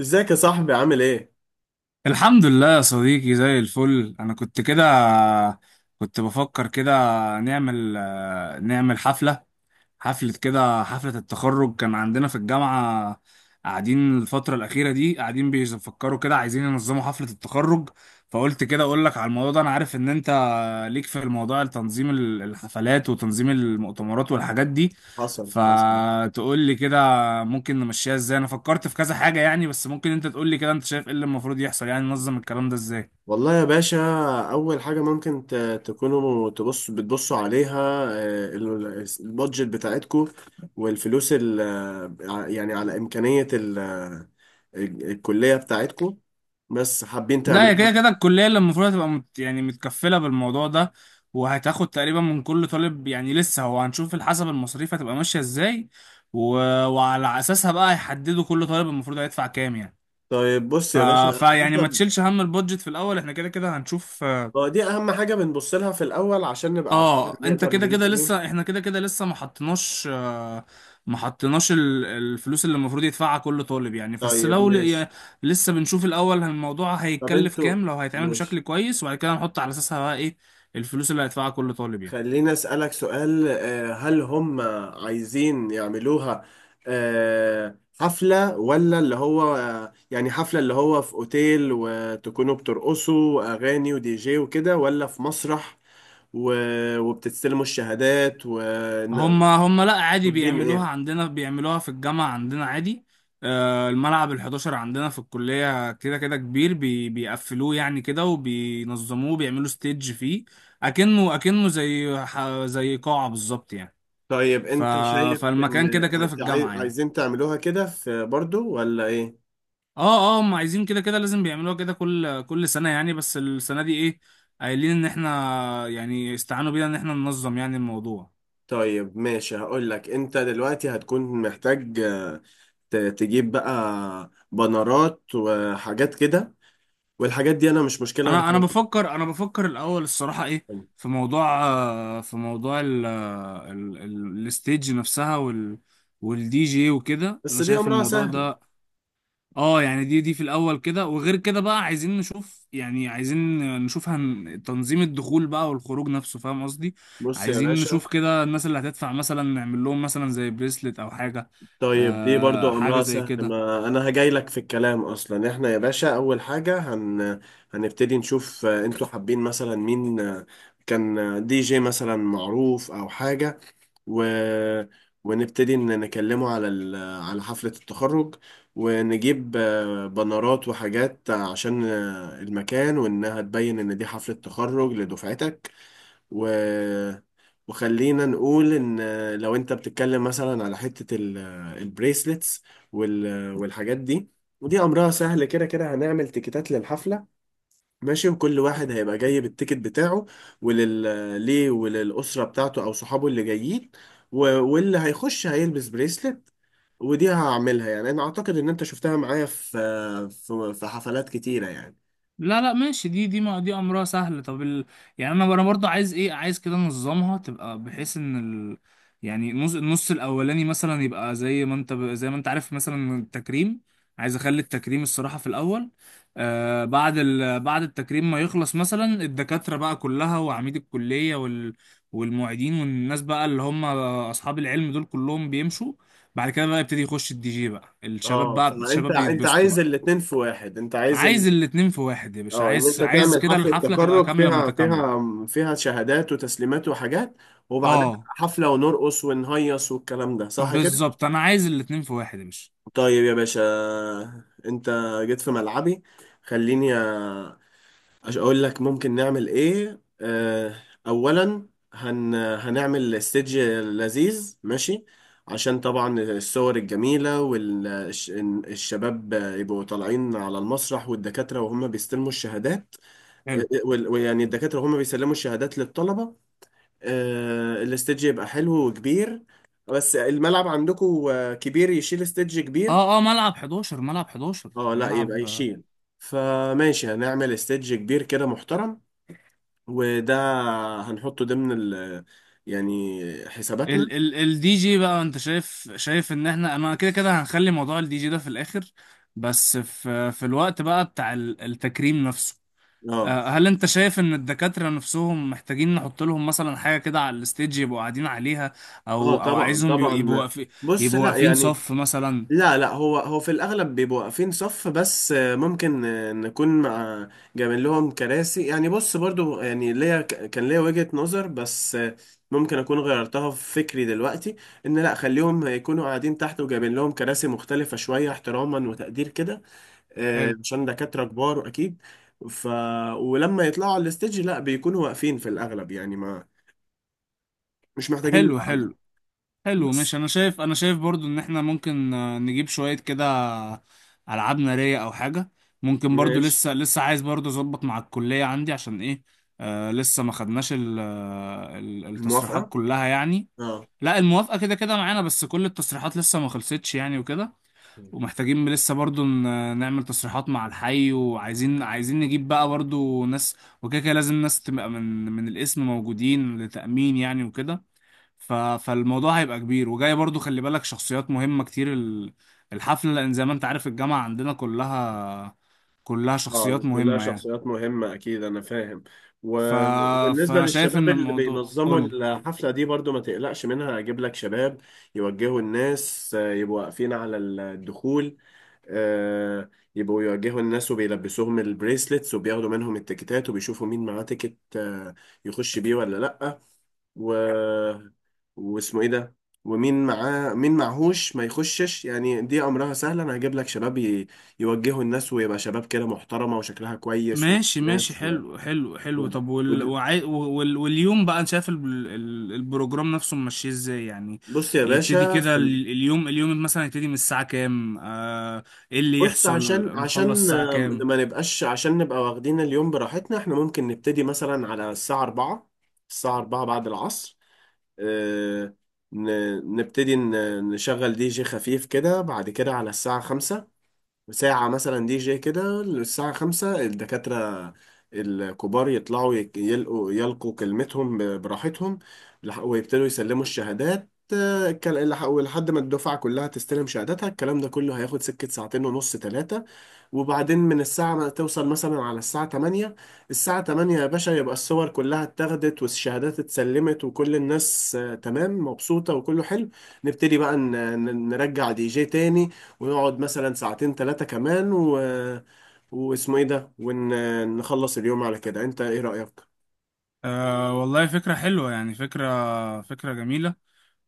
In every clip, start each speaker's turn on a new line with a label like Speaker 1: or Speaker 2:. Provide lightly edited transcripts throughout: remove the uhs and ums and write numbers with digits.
Speaker 1: ازيك يا صاحبي عامل ايه؟
Speaker 2: الحمد لله يا صديقي، زي الفل. انا كنت كده كنت بفكر كده، نعمل حفلة. حفلة كده حفلة التخرج كان عندنا في الجامعة. قاعدين الفترة الأخيرة دي، قاعدين بيفكروا كده، عايزين ينظموا حفلة التخرج. فقلت كده أقول لك على الموضوع ده. أنا عارف إن أنت ليك في الموضوع، تنظيم الحفلات وتنظيم المؤتمرات والحاجات دي.
Speaker 1: حصل حصل.
Speaker 2: فتقول لي كده ممكن نمشيها ازاي. انا فكرت في كذا حاجة يعني، بس ممكن انت تقول لي كده انت شايف ايه اللي المفروض يحصل، يعني ننظم الكلام ده ازاي.
Speaker 1: والله يا باشا، اول حاجة ممكن تكونوا بتبصوا عليها البادجت بتاعتكو، والفلوس يعني على امكانية الكلية بتاعتكو، بس حابين
Speaker 2: لا، هي
Speaker 1: تعملوها.
Speaker 2: كده كده الكلية اللي المفروض هتبقى مت يعني متكفلة بالموضوع ده، وهتاخد تقريبا من كل طالب. يعني لسه، هو هنشوف حسب المصاريف هتبقى ماشية ازاي. و... وعلى اساسها بقى هيحددوا كل طالب المفروض هيدفع كام يعني.
Speaker 1: طيب بص
Speaker 2: ف...
Speaker 1: يا باشا،
Speaker 2: فيعني ما
Speaker 1: حسب.
Speaker 2: تشيلش هم البودجت في الاول، احنا كده كده هنشوف.
Speaker 1: هو دي اهم حاجة بنبص لها في الاول عشان نبقى عارفين
Speaker 2: اه، انت
Speaker 1: نقدر
Speaker 2: كده
Speaker 1: نجيب
Speaker 2: كده
Speaker 1: ايه.
Speaker 2: لسه احنا كده كده لسه ما حطيناش الفلوس اللي المفروض يدفعها كل طالب يعني. بس
Speaker 1: طيب
Speaker 2: لو يعني
Speaker 1: ماشي.
Speaker 2: لسه بنشوف الاول الموضوع
Speaker 1: طب
Speaker 2: هيتكلف
Speaker 1: انتوا.
Speaker 2: كام لو هيتعمل بشكل
Speaker 1: ماشي.
Speaker 2: كويس، وبعد كده نحط على اساسها بقى ايه الفلوس اللي هيدفعها كل طالب يعني.
Speaker 1: خليني أسألك سؤال، هل هم عايزين يعملوها حفلة، ولا اللي هو يعني حفلة اللي هو في أوتيل وتكونوا بترقصوا وأغاني ودي جي وكده، ولا في مسرح وبتستلموا الشهادات وطالبين
Speaker 2: هما لا عادي، بيعملوها
Speaker 1: إيه؟
Speaker 2: عندنا، بيعملوها في الجامعة عندنا عادي. الملعب ال11 عندنا في الكلية كده كده كبير، بيقفلوه يعني كده وبينظموه، بيعملوا ستيج فيه. أكنه زي قاعة بالظبط يعني.
Speaker 1: طيب
Speaker 2: ف
Speaker 1: أنت شايف
Speaker 2: فالمكان
Speaker 1: إن
Speaker 2: كده كده في الجامعة يعني.
Speaker 1: عايزين تعملوها كده في برضو ولا إيه؟
Speaker 2: اه هم عايزين كده كده، لازم بيعملوها كده كل سنة يعني. بس السنة دي ايه، قايلين ان احنا يعني استعانوا بينا ان احنا ننظم يعني الموضوع.
Speaker 1: طيب ماشي، هقول لك انت دلوقتي هتكون محتاج تجيب بقى بنرات وحاجات كده، والحاجات دي انا مش مشكلة انا هقولها.
Speaker 2: انا بفكر الاول الصراحه ايه، في موضوع، ال ال ال الستيج نفسها، والدي جي وكده،
Speaker 1: بس
Speaker 2: انا
Speaker 1: دي
Speaker 2: شايف
Speaker 1: امرها
Speaker 2: الموضوع
Speaker 1: سهل.
Speaker 2: ده. اه يعني دي في الاول كده، وغير كده بقى عايزين نشوف تنظيم الدخول بقى والخروج نفسه، فاهم قصدي.
Speaker 1: بص يا
Speaker 2: عايزين
Speaker 1: باشا.
Speaker 2: نشوف كده الناس اللي هتدفع مثلا نعمل لهم مثلا زي بريسلت او حاجه.
Speaker 1: طيب دي برضو
Speaker 2: حاجه
Speaker 1: امرها
Speaker 2: زي
Speaker 1: سهل،
Speaker 2: كده.
Speaker 1: ما انا هجاي لك في الكلام. اصلا احنا يا باشا اول حاجة هنبتدي نشوف انتوا حابين مثلا مين، آه، كان آه، دي جي مثلا معروف او حاجة، و... ونبتدي إن نكلمه على على حفلة التخرج، ونجيب بنرات وحاجات عشان المكان وإنها تبين إن دي حفلة تخرج لدفعتك، و... وخلينا نقول إن، لو أنت بتتكلم مثلا على حتة البريسلتس والحاجات دي. ودي أمرها سهل، كده كده هنعمل تيكيتات للحفلة، ماشي، وكل واحد هيبقى جاي بالتيكت بتاعه ليه وللأسرة بتاعته أو صحابه اللي جايين، واللي هيخش هيلبس بريسلت. ودي هعملها، يعني أنا أعتقد إن أنت شفتها معايا في حفلات كتيرة يعني.
Speaker 2: لا لا ماشي، دي دي ما دي امرها سهل. طب يعني انا برضه عايز كده انظمها تبقى بحيث ان ال... يعني النص الاولاني مثلا يبقى، زي ما انت عارف مثلا التكريم. عايز اخلي التكريم الصراحه في الاول. بعد التكريم ما يخلص، مثلا الدكاتره بقى كلها وعميد الكليه والمعيدين والناس بقى اللي هم اصحاب العلم دول كلهم بيمشوا. بعد كده بقى يبتدي يخش الدي جي بقى
Speaker 1: اه، فأنت
Speaker 2: الشباب
Speaker 1: أنت
Speaker 2: يتبسطوا
Speaker 1: عايز
Speaker 2: بقى.
Speaker 1: الاتنين في واحد، أنت عايز إن،
Speaker 2: عايز الاتنين في واحد يا باشا،
Speaker 1: اه، إن
Speaker 2: عايز
Speaker 1: أنت
Speaker 2: عايز
Speaker 1: تعمل
Speaker 2: كده
Speaker 1: حفلة
Speaker 2: الحفلة تبقى
Speaker 1: تخرج
Speaker 2: كاملة
Speaker 1: فيها
Speaker 2: متكاملة.
Speaker 1: شهادات وتسليمات وحاجات، وبعدها
Speaker 2: اه
Speaker 1: حفلة ونرقص ونهيص والكلام ده، صح كده؟
Speaker 2: بالظبط، انا عايز الاتنين في واحد يا باشا.
Speaker 1: طيب يا باشا، انت جيت في ملعبي. خليني اقول لك ممكن نعمل ايه. اه، اولا هنعمل استيدج لذيذ، ماشي، عشان طبعا الصور الجميلة والشباب يبقوا طالعين على المسرح والدكاترة وهم بيستلموا الشهادات.
Speaker 2: حلو.
Speaker 1: ويعني الدكاترة وهم بيسلموا الشهادات للطلبة، اه، الاستيدج يبقى حلو وكبير. بس الملعب عندكم كبير يشيل استيدج كبير.
Speaker 2: اه ملعب 11 ملعب 11
Speaker 1: اه، لا يبقى
Speaker 2: ملعب آه،
Speaker 1: يشيل. فماشي، هنعمل استيدج كبير كده محترم، وده هنحطه ضمن يعني حساباتنا.
Speaker 2: ال ال الدي جي بقى، انت شايف ان احنا، انا كده كده هنخلي موضوع الدي جي ده في الاخر. بس في الوقت بقى بتاع التكريم نفسه،
Speaker 1: اه
Speaker 2: هل انت شايف ان الدكاترة نفسهم محتاجين نحط لهم مثلا حاجة كده على الستيج يبقوا قاعدين عليها،
Speaker 1: اه.
Speaker 2: او
Speaker 1: طبعا
Speaker 2: عايزهم يبقوا
Speaker 1: طبعا.
Speaker 2: واقفين؟
Speaker 1: بص،
Speaker 2: يبقوا
Speaker 1: لا
Speaker 2: واقفين
Speaker 1: يعني.
Speaker 2: صف مثلا.
Speaker 1: لا، هو في الاغلب بيبقوا واقفين صف، بس ممكن نكون مع جايبين لهم كراسي. يعني بص برضو، يعني ليا كان ليا وجهة نظر بس، ممكن اكون غيرتها في فكري دلوقتي، ان لا خليهم يكونوا قاعدين تحت وجايبين لهم كراسي مختلفة شوية احتراما وتقدير كده،
Speaker 2: حلو.
Speaker 1: عشان دكاترة كبار أكيد. ف، ولما يطلعوا على الستيج لا، بيكونوا واقفين في الأغلب يعني، ما مش محتاجين
Speaker 2: حلو
Speaker 1: نقعدهم.
Speaker 2: حلو حلو. مش
Speaker 1: بس
Speaker 2: انا شايف انا شايف برضو ان احنا ممكن نجيب شوية كده العاب نارية او حاجة، ممكن. برضو
Speaker 1: ماشي.
Speaker 2: لسه عايز برضو اظبط مع الكلية عندي عشان ايه، لسه ما خدناش التصريحات
Speaker 1: الموافقة؟
Speaker 2: كلها يعني.
Speaker 1: اه.
Speaker 2: لا الموافقة كده كده معانا، بس كل التصريحات لسه ما خلصتش يعني وكده. ومحتاجين لسه برضو نعمل تصريحات مع الحي، وعايزين نجيب بقى برضو ناس، وكده كده لازم ناس تبقى من الاسم موجودين لتأمين يعني وكده. ف... فالموضوع هيبقى كبير، وجاي برضو خلي بالك شخصيات مهمة كتير الحفلة، لأن زي ما أنت عارف الجامعة عندنا كلها
Speaker 1: اه،
Speaker 2: شخصيات
Speaker 1: كلها
Speaker 2: مهمة يعني.
Speaker 1: شخصيات مهمة أكيد، أنا فاهم.
Speaker 2: ف...
Speaker 1: وبالنسبة
Speaker 2: فأنا شايف
Speaker 1: للشباب
Speaker 2: إن
Speaker 1: اللي
Speaker 2: الموضوع،
Speaker 1: بينظموا
Speaker 2: قولي.
Speaker 1: الحفلة دي برضو ما تقلقش منها، أجيب لك شباب يوجهوا الناس، يبقوا واقفين على الدخول، آه، يبقوا يواجهوا الناس وبيلبسوهم البريسلتس وبياخدوا منهم التيكتات وبيشوفوا مين معاه تيكت، يخش بيه ولا لأ، و... واسمه ايه ده، ومين معاه مين معهوش ما يخشش. يعني دي أمرها سهل، أنا هجيب لك شباب يوجهوا الناس، ويبقى شباب كده محترمة وشكلها كويس
Speaker 2: ماشي ماشي،
Speaker 1: وناس
Speaker 2: حلو حلو
Speaker 1: و...
Speaker 2: حلو. طب
Speaker 1: ود-
Speaker 2: واليوم بقى انا شايف البروجرام نفسه ماشي ازاي يعني.
Speaker 1: بص يا
Speaker 2: يبتدي
Speaker 1: باشا،
Speaker 2: كده
Speaker 1: في
Speaker 2: اليوم مثلا، يبتدي من الساعة كام؟ ايه اللي
Speaker 1: بص،
Speaker 2: يحصل،
Speaker 1: عشان
Speaker 2: نخلص
Speaker 1: عشان
Speaker 2: الساعة كام؟
Speaker 1: ما نبقاش، عشان نبقى واخدين اليوم براحتنا، احنا ممكن نبتدي مثلا على الساعة 4، الساعة 4 بعد العصر. آه، نبتدي نشغل دي جي خفيف كده، بعد كده على الساعة 5، ساعة مثلا دي جي كده، للساعة 5 الدكاترة الكبار يطلعوا يلقوا كلمتهم براحتهم، ويبتدوا يسلموا الشهادات، ولحد ما الدفعة كلها تستلم شهاداتها. الكلام ده كله هياخد سكة ساعتين ونص ثلاثة. وبعدين من الساعة ما توصل مثلا على الساعة 8، الساعة 8 يا باشا يبقى الصور كلها اتاخدت والشهادات اتسلمت وكل الناس تمام مبسوطة وكله حلو. نبتدي بقى نرجع دي جي تاني، ونقعد مثلا ساعتين ثلاثة كمان، واسمه ايه ده، ونخلص اليوم على كده. انت ايه رأيك؟
Speaker 2: أه والله فكرة حلوة، يعني فكرة جميلة.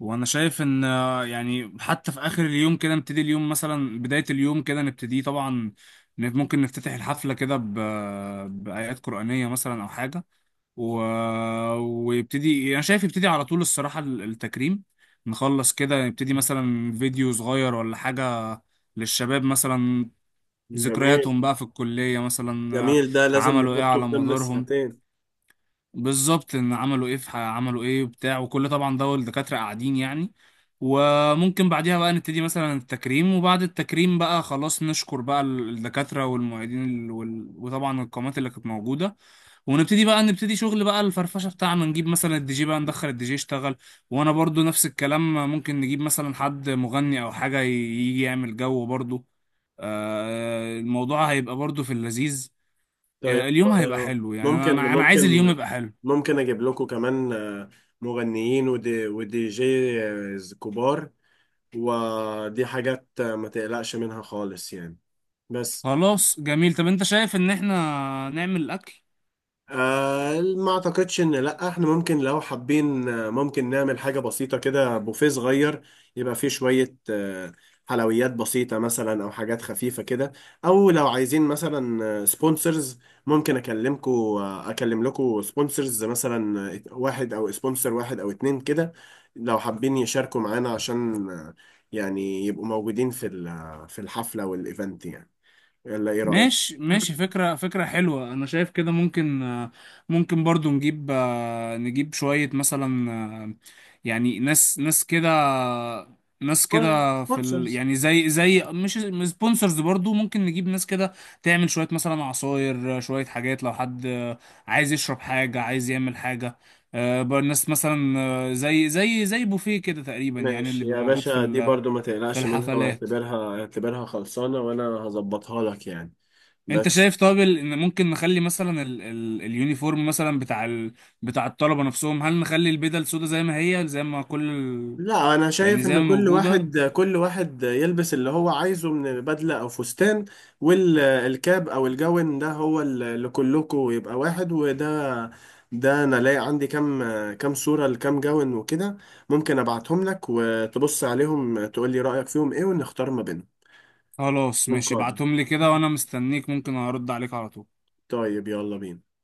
Speaker 2: وأنا شايف إن يعني حتى في آخر اليوم كده، نبتدي اليوم مثلا، بداية اليوم كده نبتدي طبعا، ممكن نفتتح الحفلة كده بآيات قرآنية مثلا أو حاجة. و... ويبتدي، أنا شايف يبتدي على طول الصراحة التكريم، نخلص كده نبتدي مثلا فيديو صغير ولا حاجة للشباب مثلا،
Speaker 1: جميل،
Speaker 2: ذكرياتهم بقى في الكلية مثلا،
Speaker 1: جميل، ده لازم
Speaker 2: عملوا إيه
Speaker 1: نحطه في
Speaker 2: على
Speaker 1: ضمن
Speaker 2: مدارهم.
Speaker 1: الساعتين.
Speaker 2: بالظبط، ان عملوا ايه عملوا ايه وبتاع وكل، طبعا ده الدكاترة قاعدين يعني. وممكن بعديها بقى نبتدي مثلا التكريم، وبعد التكريم بقى خلاص نشكر بقى الدكاترة والمعيدين، وطبعا القامات اللي كانت موجودة. ونبتدي بقى، شغل بقى الفرفشة بتاعنا، نجيب مثلا الدي جي بقى، ندخل الدي جي يشتغل. وانا برضو نفس الكلام، ممكن نجيب مثلا حد مغني او حاجة يجي يعمل جو برضو. الموضوع هيبقى برضو في اللذيذ.
Speaker 1: طيب.
Speaker 2: اليوم هيبقى حلو يعني، انا
Speaker 1: ممكن
Speaker 2: انا أنا عايز اليوم
Speaker 1: ممكن
Speaker 2: يبقى حلو.
Speaker 1: ممكن اجيب لكم كمان، مغنيين ودي جي كبار، ودي حاجات ما تقلقش منها خالص يعني. بس.
Speaker 2: خلاص جميل. طب انت شايف ان احنا نعمل الاكل؟
Speaker 1: آه، ما اعتقدش ان، لا، احنا ممكن لو حابين، ممكن نعمل حاجة بسيطة كده، بوفيه صغير يبقى فيه شوية حلويات بسيطة مثلا، او حاجات خفيفة كده، او لو عايزين مثلا سبونسرز ممكن اكلمكو، اكلم لكو سبونسرز مثلا، واحد او سبونسر واحد او اتنين كده، لو حابين يشاركوا معانا عشان، يعني يبقوا موجودين في في الحفلة والايفنت يعني. يلا ايه رأيك؟
Speaker 2: ماشي ماشي، فكرة حلوة. انا شايف كده ممكن، ممكن برضو نجيب، نجيب شوية مثلا، يعني ناس، ناس كده في
Speaker 1: سبونسرز.
Speaker 2: يعني زي مش سبونسرز برضو، ممكن نجيب ناس كده تعمل شوية مثلا عصاير، شوية حاجات لو حد عايز يشرب حاجة، عايز يعمل حاجة. بقى الناس مثلا، زي بوفيه كده تقريبا يعني، اللي
Speaker 1: ماشي
Speaker 2: بيبقى
Speaker 1: يا
Speaker 2: موجود في
Speaker 1: باشا، دي برضو ما
Speaker 2: في
Speaker 1: تقلقش منها،
Speaker 2: الحفلات.
Speaker 1: واعتبرها خلصانة وانا هظبطها لك يعني.
Speaker 2: انت
Speaker 1: بس.
Speaker 2: شايف طب ان ممكن نخلي مثلا ال ال اليونيفورم مثلا، بتاع الطلبة نفسهم، هل نخلي البدل سودا زي ما هي، زي ما كل ال
Speaker 1: لا، انا
Speaker 2: يعني
Speaker 1: شايف
Speaker 2: زي
Speaker 1: ان
Speaker 2: ما موجودة؟
Speaker 1: كل واحد يلبس اللي هو عايزه من بدلة او فستان، والكاب او الجون ده هو اللي كلكم يبقى واحد. وده، ده انا لاقي عندي كام، كام صورة لكام جون وكده، ممكن ابعتهم لك وتبص عليهم تقول لي رأيك فيهم ايه ونختار ما بينهم
Speaker 2: خلاص ماشي،
Speaker 1: ونقارن.
Speaker 2: ابعتهم لي كده وانا مستنيك، ممكن ارد عليك على طول.
Speaker 1: طيب يلا بينا.